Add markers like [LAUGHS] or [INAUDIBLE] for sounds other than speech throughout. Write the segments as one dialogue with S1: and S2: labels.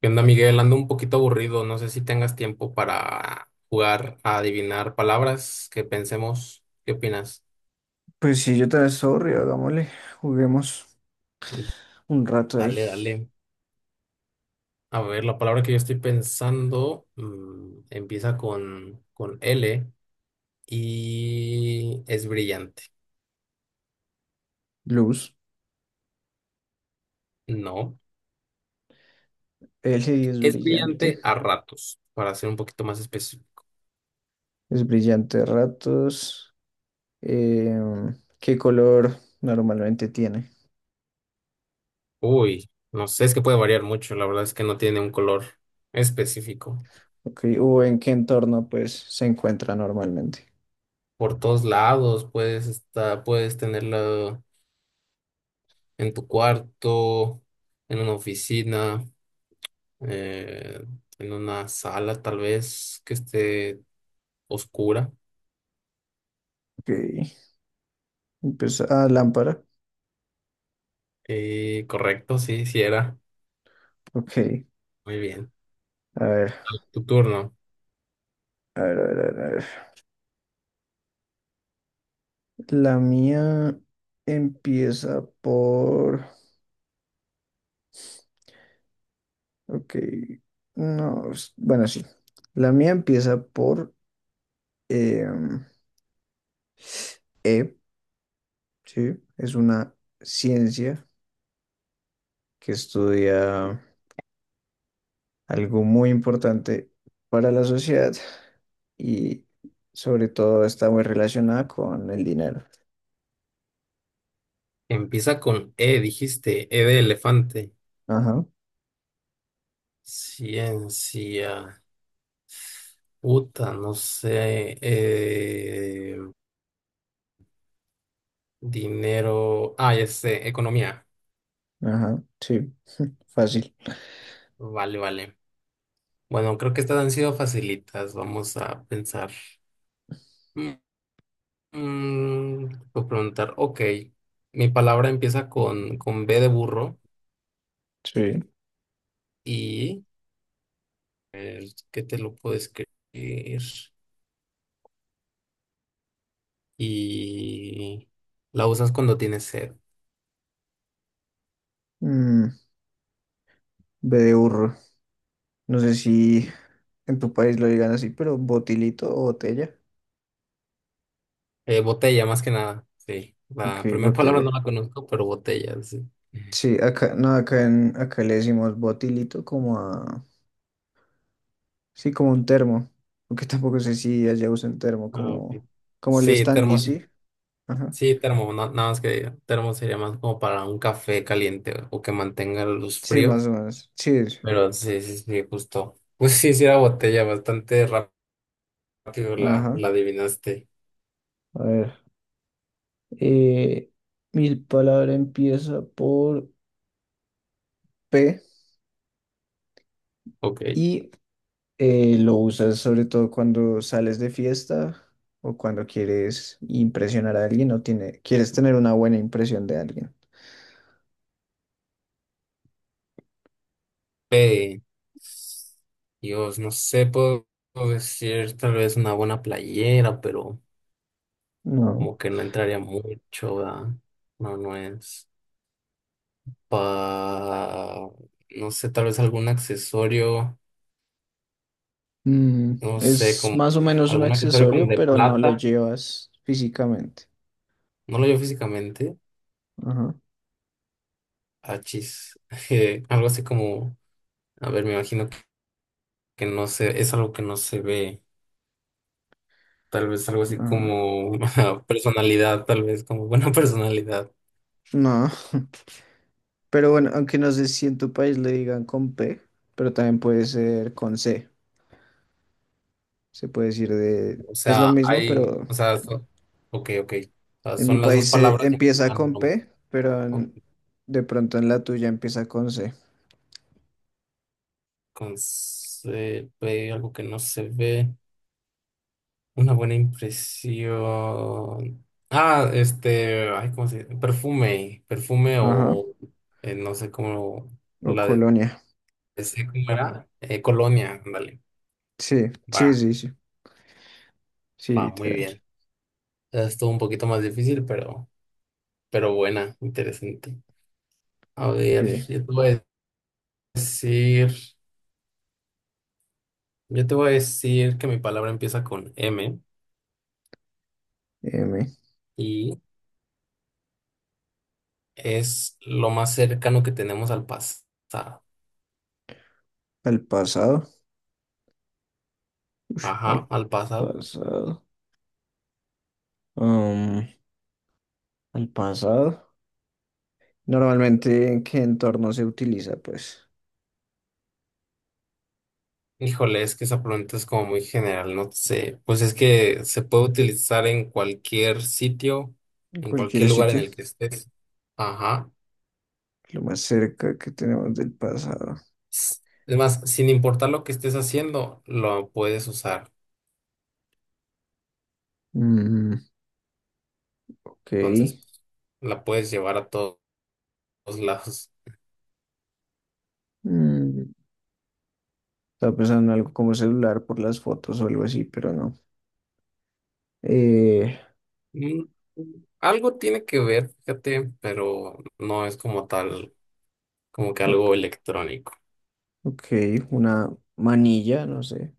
S1: ¿Qué onda, Miguel? Ando un poquito aburrido. No sé si tengas tiempo para jugar a adivinar palabras que pensemos. ¿Qué opinas?
S2: Pues sí, yo también sorry, hagámosle, juguemos un rato ahí.
S1: Dale, dale. A ver, la palabra que yo estoy pensando empieza con L y es brillante.
S2: Luz,
S1: No,
S2: L
S1: es brillante a ratos, para ser un poquito más específico.
S2: es brillante a ratos. ¿Qué color normalmente tiene?
S1: Uy, no sé, es que puede variar mucho. La verdad es que no tiene un color específico.
S2: Ok, o en qué entorno pues se encuentra normalmente.
S1: Por todos lados puedes estar, puedes tenerla. En tu cuarto, en una oficina, eh, en una sala tal vez que esté oscura.
S2: Ok, empieza, ah, lámpara.
S1: Correcto, sí, sí era.
S2: Ok,
S1: Muy bien.
S2: a ver,
S1: Tu turno.
S2: a ver, a ver, a ver, a ver. La mía empieza por... Ok, no, bueno, sí. La mía empieza por em, E, ¿sí? Es una ciencia que estudia algo muy importante para la sociedad y sobre todo está muy relacionada con el dinero.
S1: Empieza con E, dijiste, E de elefante.
S2: Ajá,
S1: Ciencia. Puta, no sé. Dinero. Ah, ya sé, economía.
S2: ajá, sí, fácil.
S1: Vale, vale. Bueno, creo que estas han sido facilitas. Vamos a pensar. Mm, Puedo preguntar, ok, mi palabra empieza con B de burro
S2: Sí.
S1: y ¿qué te lo puedo escribir? Y la usas cuando tienes sed.
S2: Mm, B de burro. No sé si en tu país lo digan así, pero botilito o botella.
S1: Botella, más que nada, sí. La
S2: Ok,
S1: primera [LAUGHS] palabra no
S2: botella.
S1: la conozco, pero botella, sí.
S2: Sí, acá, no, acá, en, acá le decimos botilito como a, sí, como un termo, aunque tampoco sé si allá usan termo,
S1: Ah, ok.
S2: como, como el
S1: Sí,
S2: Stanley,
S1: termo, sí.
S2: ¿sí? Ajá,
S1: Sí, termo, nada más que termo sería más como para un café caliente o que mantenga los
S2: sí,
S1: fríos,
S2: más o menos, sí, sí.
S1: pero sí, sí, sí, justo. Pues sí, sí era botella, bastante rápido la,
S2: Ajá,
S1: la adivinaste.
S2: a ver, eh, mi palabra empieza por P
S1: Ok.
S2: y lo usas sobre todo cuando sales de fiesta o cuando quieres impresionar a alguien o tiene, quieres tener una buena impresión de alguien.
S1: Eh, Dios, no sé, puedo decir tal vez una buena playera, pero
S2: No.
S1: como que no entraría mucho, ¿verdad? No, no es. Pa... No sé, tal vez algún accesorio,
S2: Mm,
S1: no sé,
S2: es
S1: como
S2: más o menos un
S1: algún accesorio como
S2: accesorio,
S1: de
S2: pero no lo
S1: plata.
S2: llevas físicamente.
S1: No lo veo físicamente.
S2: Ajá,
S1: Achis. [LAUGHS] Algo así como, a ver, me imagino que no sé, es algo que no se ve. Tal vez algo así
S2: ajá.
S1: como [LAUGHS] personalidad, tal vez como buena [LAUGHS] personalidad.
S2: No, [LAUGHS] pero bueno, aunque no sé si en tu país le digan con P, pero también puede ser con C. Se puede decir de...
S1: O
S2: Es lo
S1: sea,
S2: mismo,
S1: hay,
S2: pero
S1: o sea, so- ok, ok. O sea,
S2: en mi
S1: son las dos
S2: país se
S1: palabras que
S2: empieza
S1: implican lo
S2: con
S1: mismo.
S2: P, pero
S1: Ok,
S2: en- de pronto en la tuya empieza con C.
S1: con se ve algo que no se ve. Una buena impresión. Ah, este, ay, ¿cómo se dice? Perfume, perfume
S2: Ajá,
S1: o no sé cómo
S2: o
S1: la de,
S2: colonia.
S1: ese, ¿cómo era? Colonia, ándale.
S2: Sí,
S1: Va,
S2: sí, sí, sí. Sí,
S1: va, muy
S2: literal.
S1: bien. Estuvo un poquito más difícil, pero. Pero buena, interesante. A
S2: Ok,
S1: ver, decir, yo te voy a decir que mi palabra empieza con M
S2: M.
S1: y es lo más cercano que tenemos al pasado.
S2: Al pasado. Ush,
S1: Ajá,
S2: al
S1: al pasado.
S2: pasado. Um, El pasado. Normalmente, ¿en qué entorno se utiliza? Pues
S1: Híjole, es que esa pregunta es como muy general, no sé. Pues es que se puede utilizar en cualquier sitio,
S2: en
S1: en
S2: cualquier
S1: cualquier lugar en
S2: sitio.
S1: el que estés. Ajá.
S2: Lo más cerca que tenemos del pasado.
S1: S- Además, sin importar lo que estés haciendo, lo puedes usar.
S2: Mm, ok.
S1: Entonces, la puedes llevar a to- todos lados.
S2: Mm, estaba pensando en algo como celular por las fotos o algo así, pero no. Eh,
S1: Mm, algo tiene que ver, fíjate, pero no es como tal, como que algo
S2: ok,
S1: electrónico.
S2: ok, una manilla, no sé,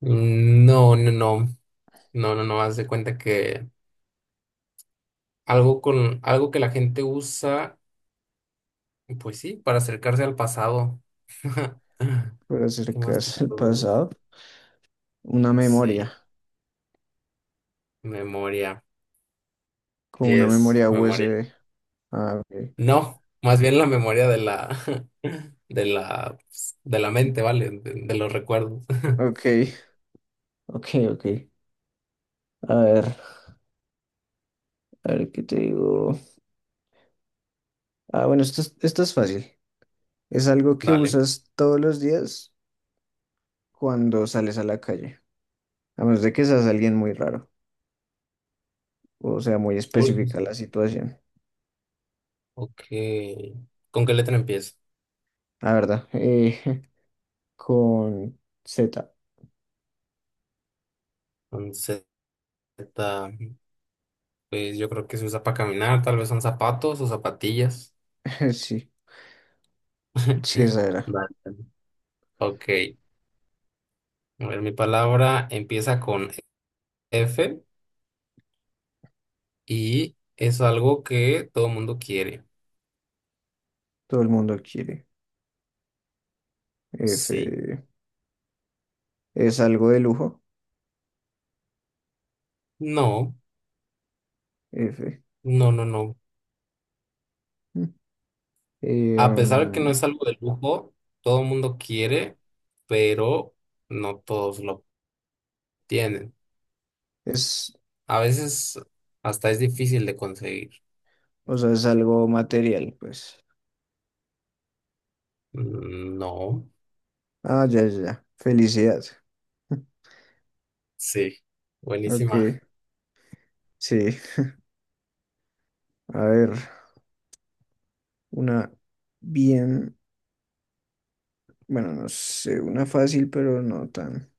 S1: Mm, no, no, no, no, no, no, haz de cuenta que algo con, algo que la gente usa, pues sí, para acercarse al pasado. [LAUGHS]
S2: para
S1: ¿Qué más te
S2: acercarse al
S1: puedo?
S2: pasado. Una memoria,
S1: Sí, memoria.
S2: con
S1: Sí
S2: una
S1: es
S2: memoria
S1: memoria.
S2: USB. Ah, ok,
S1: No, más bien la memoria de la, [LAUGHS] de la, pues, de la mente, ¿vale? de los recuerdos. [LAUGHS]
S2: ok, ok, ok. A ver, a ver qué te digo. Ah, bueno, esto es fácil. Es algo que
S1: Dale.
S2: usas todos los días cuando sales a la calle, a menos de que seas alguien muy raro, o sea, muy específica la situación.
S1: Ok. ¿Con qué letra empieza?
S2: La verdad, [LAUGHS] con Z,
S1: Con Z. Pues yo creo que se usa para caminar, tal vez son zapatos o zapatillas.
S2: [LAUGHS] sí, sí, esa
S1: [LAUGHS]
S2: era.
S1: Vale. Ok. A ver, mi palabra empieza con F y es algo que todo el mundo quiere.
S2: Todo el mundo quiere. F,
S1: Sí.
S2: es algo de lujo,
S1: No,
S2: F. [LAUGHS]
S1: no, no, no.
S2: Mm. Eh,
S1: A pesar que no
S2: mm,
S1: es algo de lujo, todo el mundo quiere, pero no todos lo tienen.
S2: es,
S1: A veces hasta es difícil de conseguir.
S2: o sea, es algo material, pues.
S1: Mm, no.
S2: Ah, ya, ya, ya. Felicidad. [LAUGHS]
S1: Sí,
S2: Ok,
S1: buenísima,
S2: sí. A ver, una bien. Bueno, no sé, una fácil, pero no tan.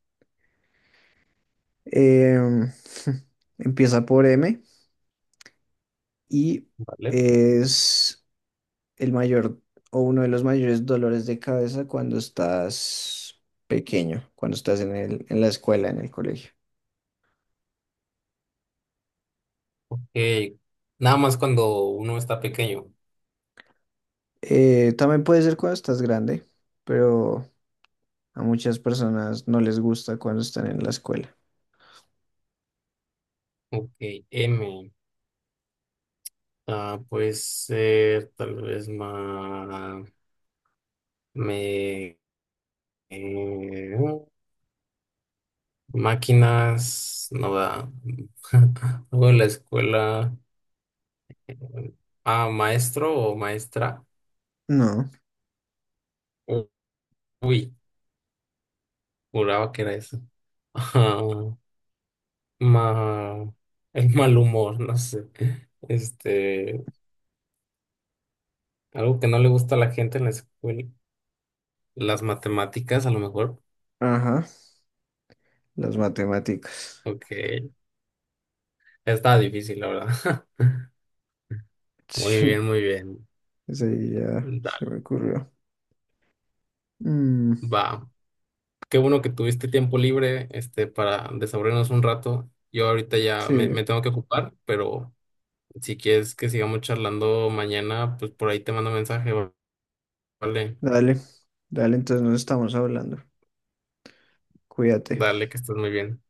S2: Em, [LAUGHS] empieza por M y
S1: ¿vale?
S2: es el mayor o uno de los mayores dolores de cabeza cuando estás pequeño, cuando estás en el, en la escuela, en el colegio.
S1: Eh, nada más cuando uno está pequeño.
S2: También puede ser cuando estás grande, pero a muchas personas no les gusta cuando están en la escuela.
S1: Ok, M. Ah, puede ser tal vez más... Me... eh, máquinas, no da. [LAUGHS] Luego en la escuela... Ah, maestro o maestra.
S2: No,
S1: U- Uy, juraba que era eso. [LAUGHS] Ah, ma- el mal humor, no sé. Este... Algo que no le gusta a la gente en la escuela, las matemáticas a lo mejor.
S2: ajá, las matemáticas. [LAUGHS]
S1: Ok, está difícil, la verdad. [LAUGHS] Muy bien,
S2: Sí,
S1: muy bien.
S2: esa ya se
S1: Dale,
S2: me ocurrió. Mm,
S1: va. Qué bueno que tuviste tiempo libre, este, para desaburrirnos un rato. Yo ahorita ya
S2: sí.
S1: me tengo que ocupar, pero si quieres que sigamos charlando mañana, pues por ahí te mando mensaje, vale.
S2: Dale, dale, entonces nos estamos hablando. Cuídate.
S1: Dale, que estés muy bien.